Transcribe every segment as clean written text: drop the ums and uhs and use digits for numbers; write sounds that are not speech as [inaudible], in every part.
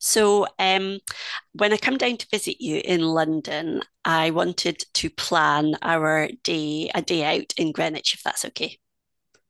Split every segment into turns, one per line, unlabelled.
So, um, when I come down to visit you in London, I wanted to plan our day, a day out in Greenwich, if that's okay.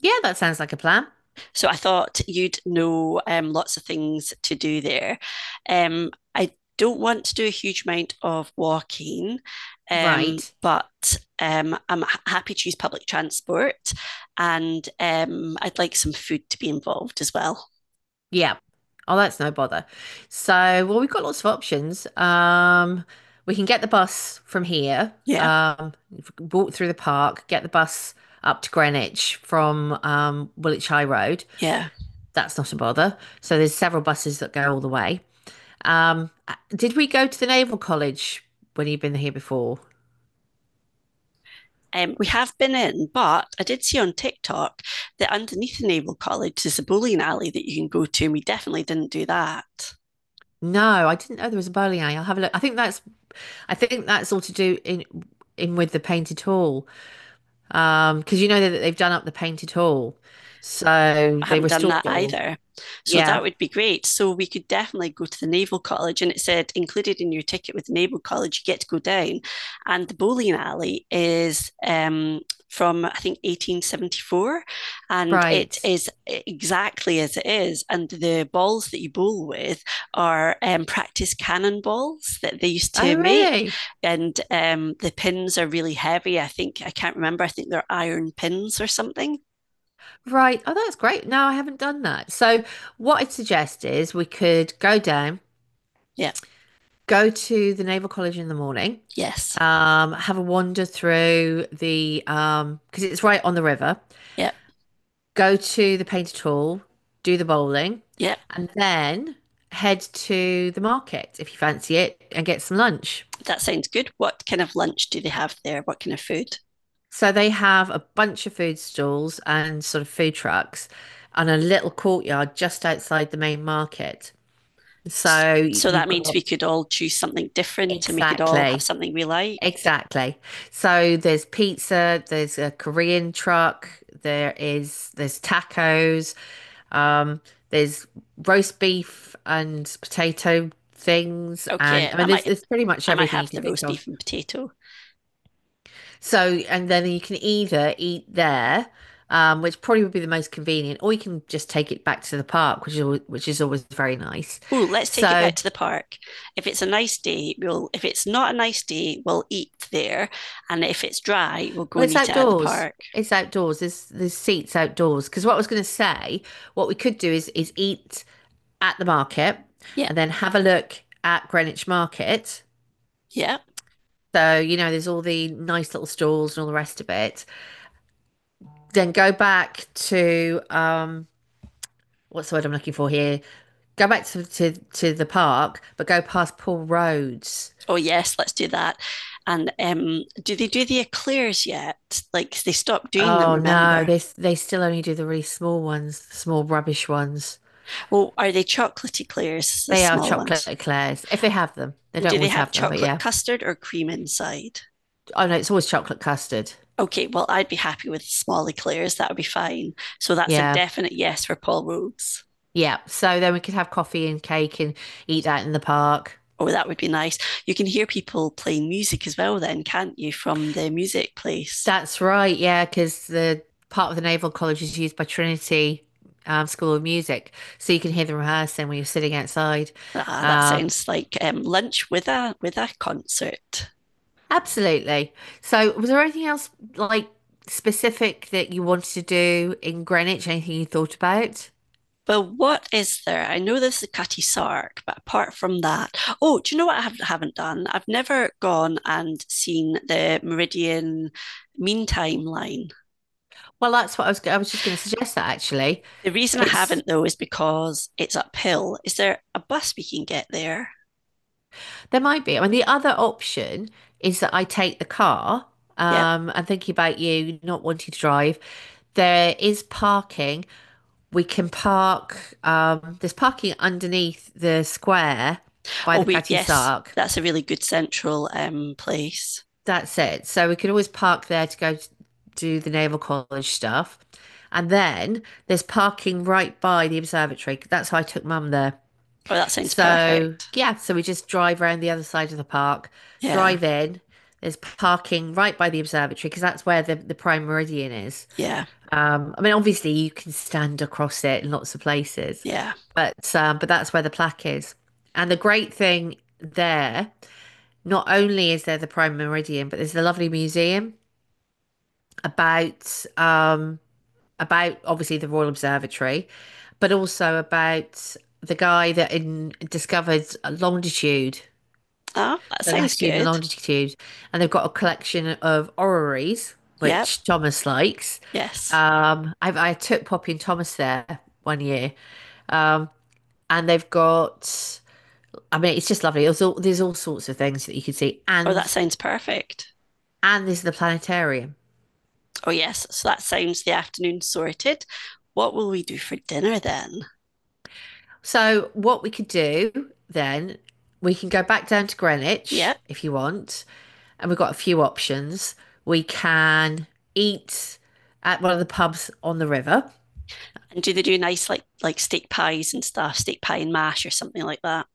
Yeah, that sounds like a plan.
So, I thought you'd know lots of things to do there. I don't want to do a huge amount of walking,
Right.
but I'm happy to use public transport and I'd like some food to be involved as well.
Yeah. Oh, that's no bother. So, we've got lots of options. We can get the bus from here,
Yeah,
walk through the park, get the bus up to Greenwich from Woolwich High Road.
yeah.
That's not a bother. So there's several buses that go all the way. Did we go to the Naval College when you've been here before?
We have been in, but I did see on TikTok that underneath the Naval College is a bowling alley that you can go to, and we definitely didn't do that.
No, I didn't know there was a bowling alley. I'll have a look. I think that's all to do in with the painted hall. Because you know that they've done up the painted hall. So
I
they
haven't done
restored
that
it all.
either. So
Yeah,
that would be great. So we could definitely go to the Naval College. And it said included in your ticket with the Naval College, you get to go down. And the bowling alley is from, I think, 1874. And it
right.
is exactly as it is. And the balls that you bowl with are practice cannon balls that they used to
Oh,
make.
really?
And the pins are really heavy. I think, I can't remember. I think they're iron pins or something.
Right. Oh, that's great. No, I haven't done that. So what I'd suggest is we could go down,
Yeah.
go to the Naval College in the morning,
Yes.
have a wander through the because it's right on the river.
Yeah.
Go to the painted hall, do the bowling,
Yep,
and then head to the market if you fancy it and get some lunch.
that sounds good. What kind of lunch do they have there? What kind of food?
So they have a bunch of food stalls and sort of food trucks and a little courtyard just outside the main market. So
So
you've
that means
got
we could all choose something different and we could all have
exactly,
something we liked.
exactly. So there's pizza, there's a Korean truck, there's tacos, um, there's roast beef and potato things, and
Okay,
I mean there's pretty much
I might
everything you
have the
could think
roast
of.
beef and potato.
So, and then you can either eat there, which probably would be the most convenient, or you can just take it back to the park, which is always very nice.
Oh, let's take it
So,
back to the park. If it's a nice day, we'll if it's not a nice day, we'll eat there. And if it's dry, we'll go and
it's
eat it at the
outdoors.
park.
It's outdoors. There's seats outdoors. Because what I was going to say, what we could do is eat at the market,
Yeah,
and then have a look at Greenwich Market.
yeah.
So, you know, there's all the nice little stalls and all the rest of it. Then go back to what's the word I'm looking for here? Go back to the park, but go past Paul Roads.
Oh yes, let's do that. And do they do the eclairs yet? Like they stopped doing them,
Oh no,
remember?
they still only do the really small ones, the small rubbish ones.
Well, are they chocolate eclairs, the
They are
small
chocolate
ones?
eclairs if they have them. They
And
don't
do they
always
have
have them, but
chocolate
yeah.
custard or cream inside?
Oh no, it's always chocolate custard.
Okay, well, I'd be happy with small eclairs. That would be fine. So that's a
Yeah,
definite yes for Paul Rhodes.
yeah. So then we could have coffee and cake and eat that in the park.
Oh, that would be nice. You can hear people playing music as well, then, can't you, from the music place?
That's right, yeah, because the part of the Naval College is used by Trinity School of Music, so you can hear them rehearsing when you're sitting outside.
Ah, that
Um,
sounds like lunch with a concert.
Absolutely. So, was there anything else like specific that you wanted to do in Greenwich? Anything you thought about?
But what is there? I know there's the Cutty Sark, but apart from that, oh, do you know what I have, haven't done? I've never gone and seen the Meridian Meantime line.
Well, that's what I was. I was just going to suggest that actually,
The reason I
it's
haven't though is because it's uphill. Is there a bus we can get there?
there might be. I mean, the other option is that I take the car.
Yep.
And thinking about you not wanting to drive, there is parking. We can park. There's parking underneath the square by
Oh
the
wait,
Catty
yes,
Sark.
that's a really good central place.
That's it. So we could always park there to go to do the Naval College stuff. And then there's parking right by the observatory. That's how I took mum there.
Oh, that sounds
So,
perfect.
yeah, so we just drive around the other side of the park,
Yeah,
drive in. There's parking right by the observatory because that's where the prime meridian is.
yeah,
I mean, obviously you can stand across it in lots of places,
yeah.
but that's where the plaque is. And the great thing there, not only is there the prime meridian, but there's the lovely museum about um about obviously the Royal Observatory, but also about the guy that discovered longitude,
Ah, that
so
sounds
latitude and
good.
longitude, and they've got a collection of orreries,
Yep.
which Thomas likes.
Yes.
I took Poppy and Thomas there one year, and they've got. I mean, it's just lovely. There's all sorts of things that you can see,
Oh, that
and
sounds perfect.
there's the planetarium.
Oh, yes. So that sounds the afternoon sorted. What will we do for dinner then?
So what we could do then, we can go back down to
Yeah.
Greenwich if you want, and we've got a few options. We can eat at one of the pubs on the river.
And do they do nice like steak pies and stuff, steak pie and mash or something like that?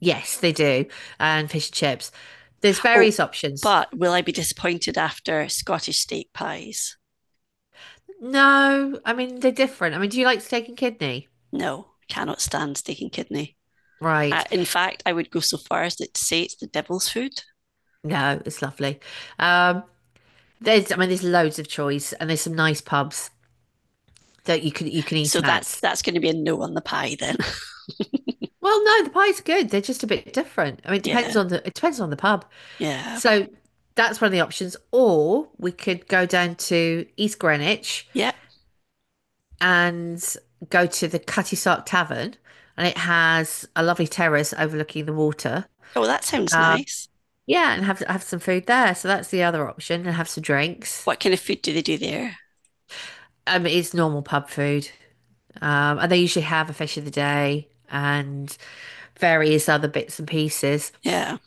Yes, they do, and fish and chips. There's
Oh,
various options.
but will I be disappointed after Scottish steak pies?
No, I mean they're different. I mean, do you like steak and kidney?
No, cannot stand steak and kidney.
Right.
In fact, I would go so far as to say it's the devil's food.
No, it's lovely. Um, there's, I mean, there's loads of choice, and there's some nice pubs that you can
So
eat
that's
at.
that's going to be a no on the pie then.
Well, no, the pies are good. They're just a bit different. I mean,
[laughs]
it depends
yeah,
on the it depends on the pub.
yeah,
So that's one of the options. Or we could go down to East Greenwich
yeah.
and go to the Cutty Sark Tavern, and it has a lovely terrace overlooking the water.
Oh, that sounds nice.
Yeah, and have some food there. So that's the other option, and have some drinks.
What kind of food do they do there?
It's normal pub food, and they usually have a fish of the day and various other bits and pieces.
Yeah,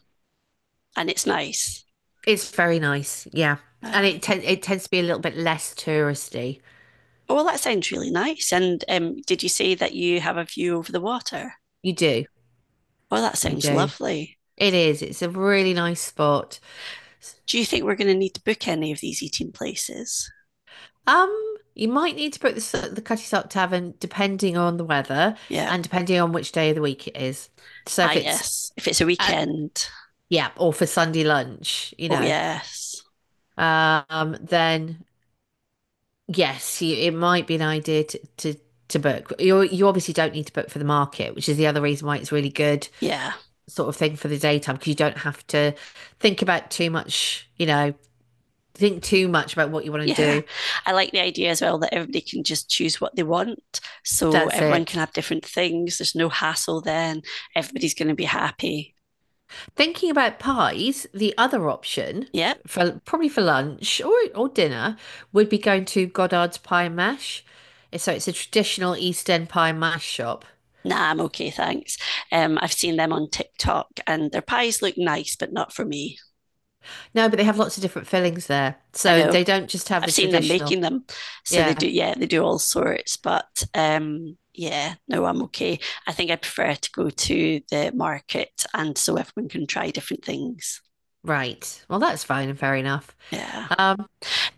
and it's nice.
It's very nice, yeah. And
Um,
it tends to be a little bit less touristy.
Oh, well, that sounds really nice. And did you say that you have a view over the water?
You do,
Oh, that
you
sounds
do.
lovely.
It is. It's a really nice spot.
Do you think we're going to need to book any of these eating places?
You might need to book the Cutty Sark Tavern depending on the weather
Yeah.
and depending on which day of the week it is. So
Ah,
if it's
yes. If it's a
at
weekend.
Yeah, or for Sunday lunch, you
Oh,
know,
yes.
then yes, it might be an idea to book. You obviously don't need to book for the market, which is the other reason why it's really good
Yeah.
sort of thing for the daytime because you don't have to think about too much, you know, think too much about what you want to
Yeah.
do.
I like the idea as well that everybody can just choose what they want. So
That's
everyone can
it.
have different things. There's no hassle then. Everybody's going to be happy.
Thinking about pies, the other option
Yep. Yeah.
for probably for lunch or dinner would be going to Goddard's Pie and Mash. So it's a traditional East End pie and mash shop.
Nah, I'm okay, thanks. I've seen them on TikTok and their pies look nice, but not for me.
No, but they have lots of different fillings there.
I
So
know
they don't just have
I've
the
seen them
traditional.
making them. So they
Yeah,
do, yeah, they do all sorts. But yeah, no, I'm okay. I think I prefer to go to the market, and so everyone can try different things.
right. Well, that's fine and fair enough.
Yeah,
Um,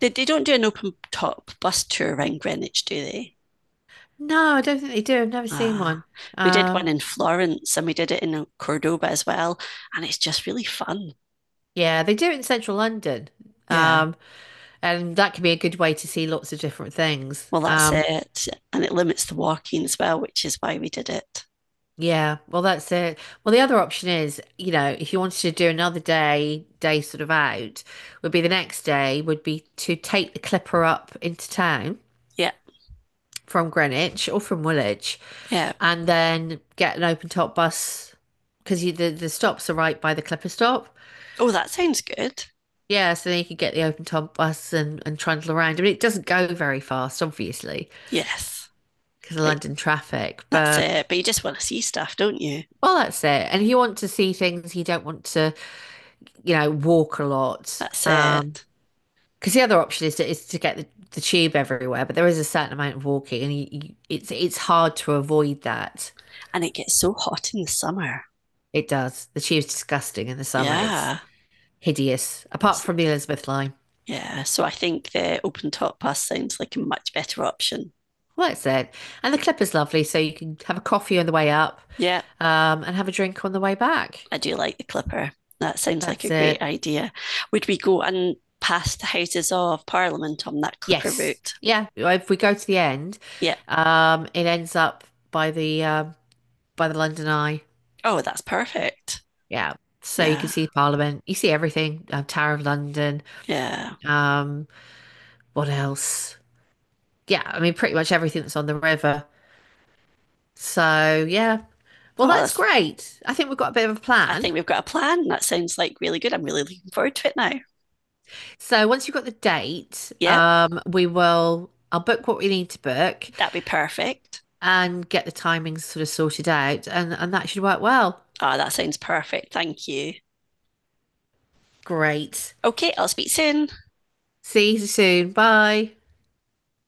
they don't do an open top bus tour around Greenwich, do they?
no, I don't think they do. I've never seen
Ah,
one.
we did one
Um,
in Florence, and we did it in Cordoba as well, and it's just really fun.
Yeah, they do it in central London.
Yeah.
Um, and that can be a good way to see lots of different things.
Well, that's it. And it limits the walking as well, which is why we did it.
Yeah, well, that's it. Well, the other option is, you know, if you wanted to do another day, day sort of out, would be the next day, would be to take the Clipper up into town
Yeah.
from Greenwich or from Woolwich
Yeah.
and then get an open top bus because the stops are right by the Clipper stop.
Oh, that sounds good.
Yeah, so then you could get the open top bus and, trundle around. I mean, it doesn't go very fast, obviously,
Yes.
because of
But
London traffic.
that's
But
it. But you just want to see stuff, don't you?
well, that's it. And if you want to see things, you don't want to, you know, walk a lot.
That's it.
Because the other option is to get the tube everywhere, but there is a certain amount of walking, and it's hard to avoid that.
And it gets so hot in the summer.
It does. The tube's disgusting in the summer. It's
Yeah.
hideous, apart from the Elizabeth line.
Yeah. So I think the open top bus sounds like a much better option.
Well, that's it. And the Clipper's lovely, so you can have a coffee on the way up,
Yeah.
and have a drink on the way back.
I do like the Clipper. That sounds like a
That's
great
it.
idea. Would we go and pass the Houses of Parliament on that Clipper
Yes.
route?
Yeah. If we go to the end,
Yeah.
it ends up by the um by the London Eye.
Oh, that's perfect.
Yeah. So you can
Yeah.
see Parliament, you see everything, Tower of London,
Yeah.
um, what else? Yeah, I mean pretty much everything that's on the river. So yeah. Well,
Oh,
that's
that's,
great. I think we've got a bit of a
I
plan.
think we've got a plan. That sounds like really good. I'm really looking forward to it now.
So once you've got the date,
Yep.
we will I'll book what we need to book
That'd be perfect.
and get the timings sort of sorted out and, that should work well.
Ah, that sounds perfect. Thank you.
Great.
Okay, I'll speak soon.
See you soon. Bye.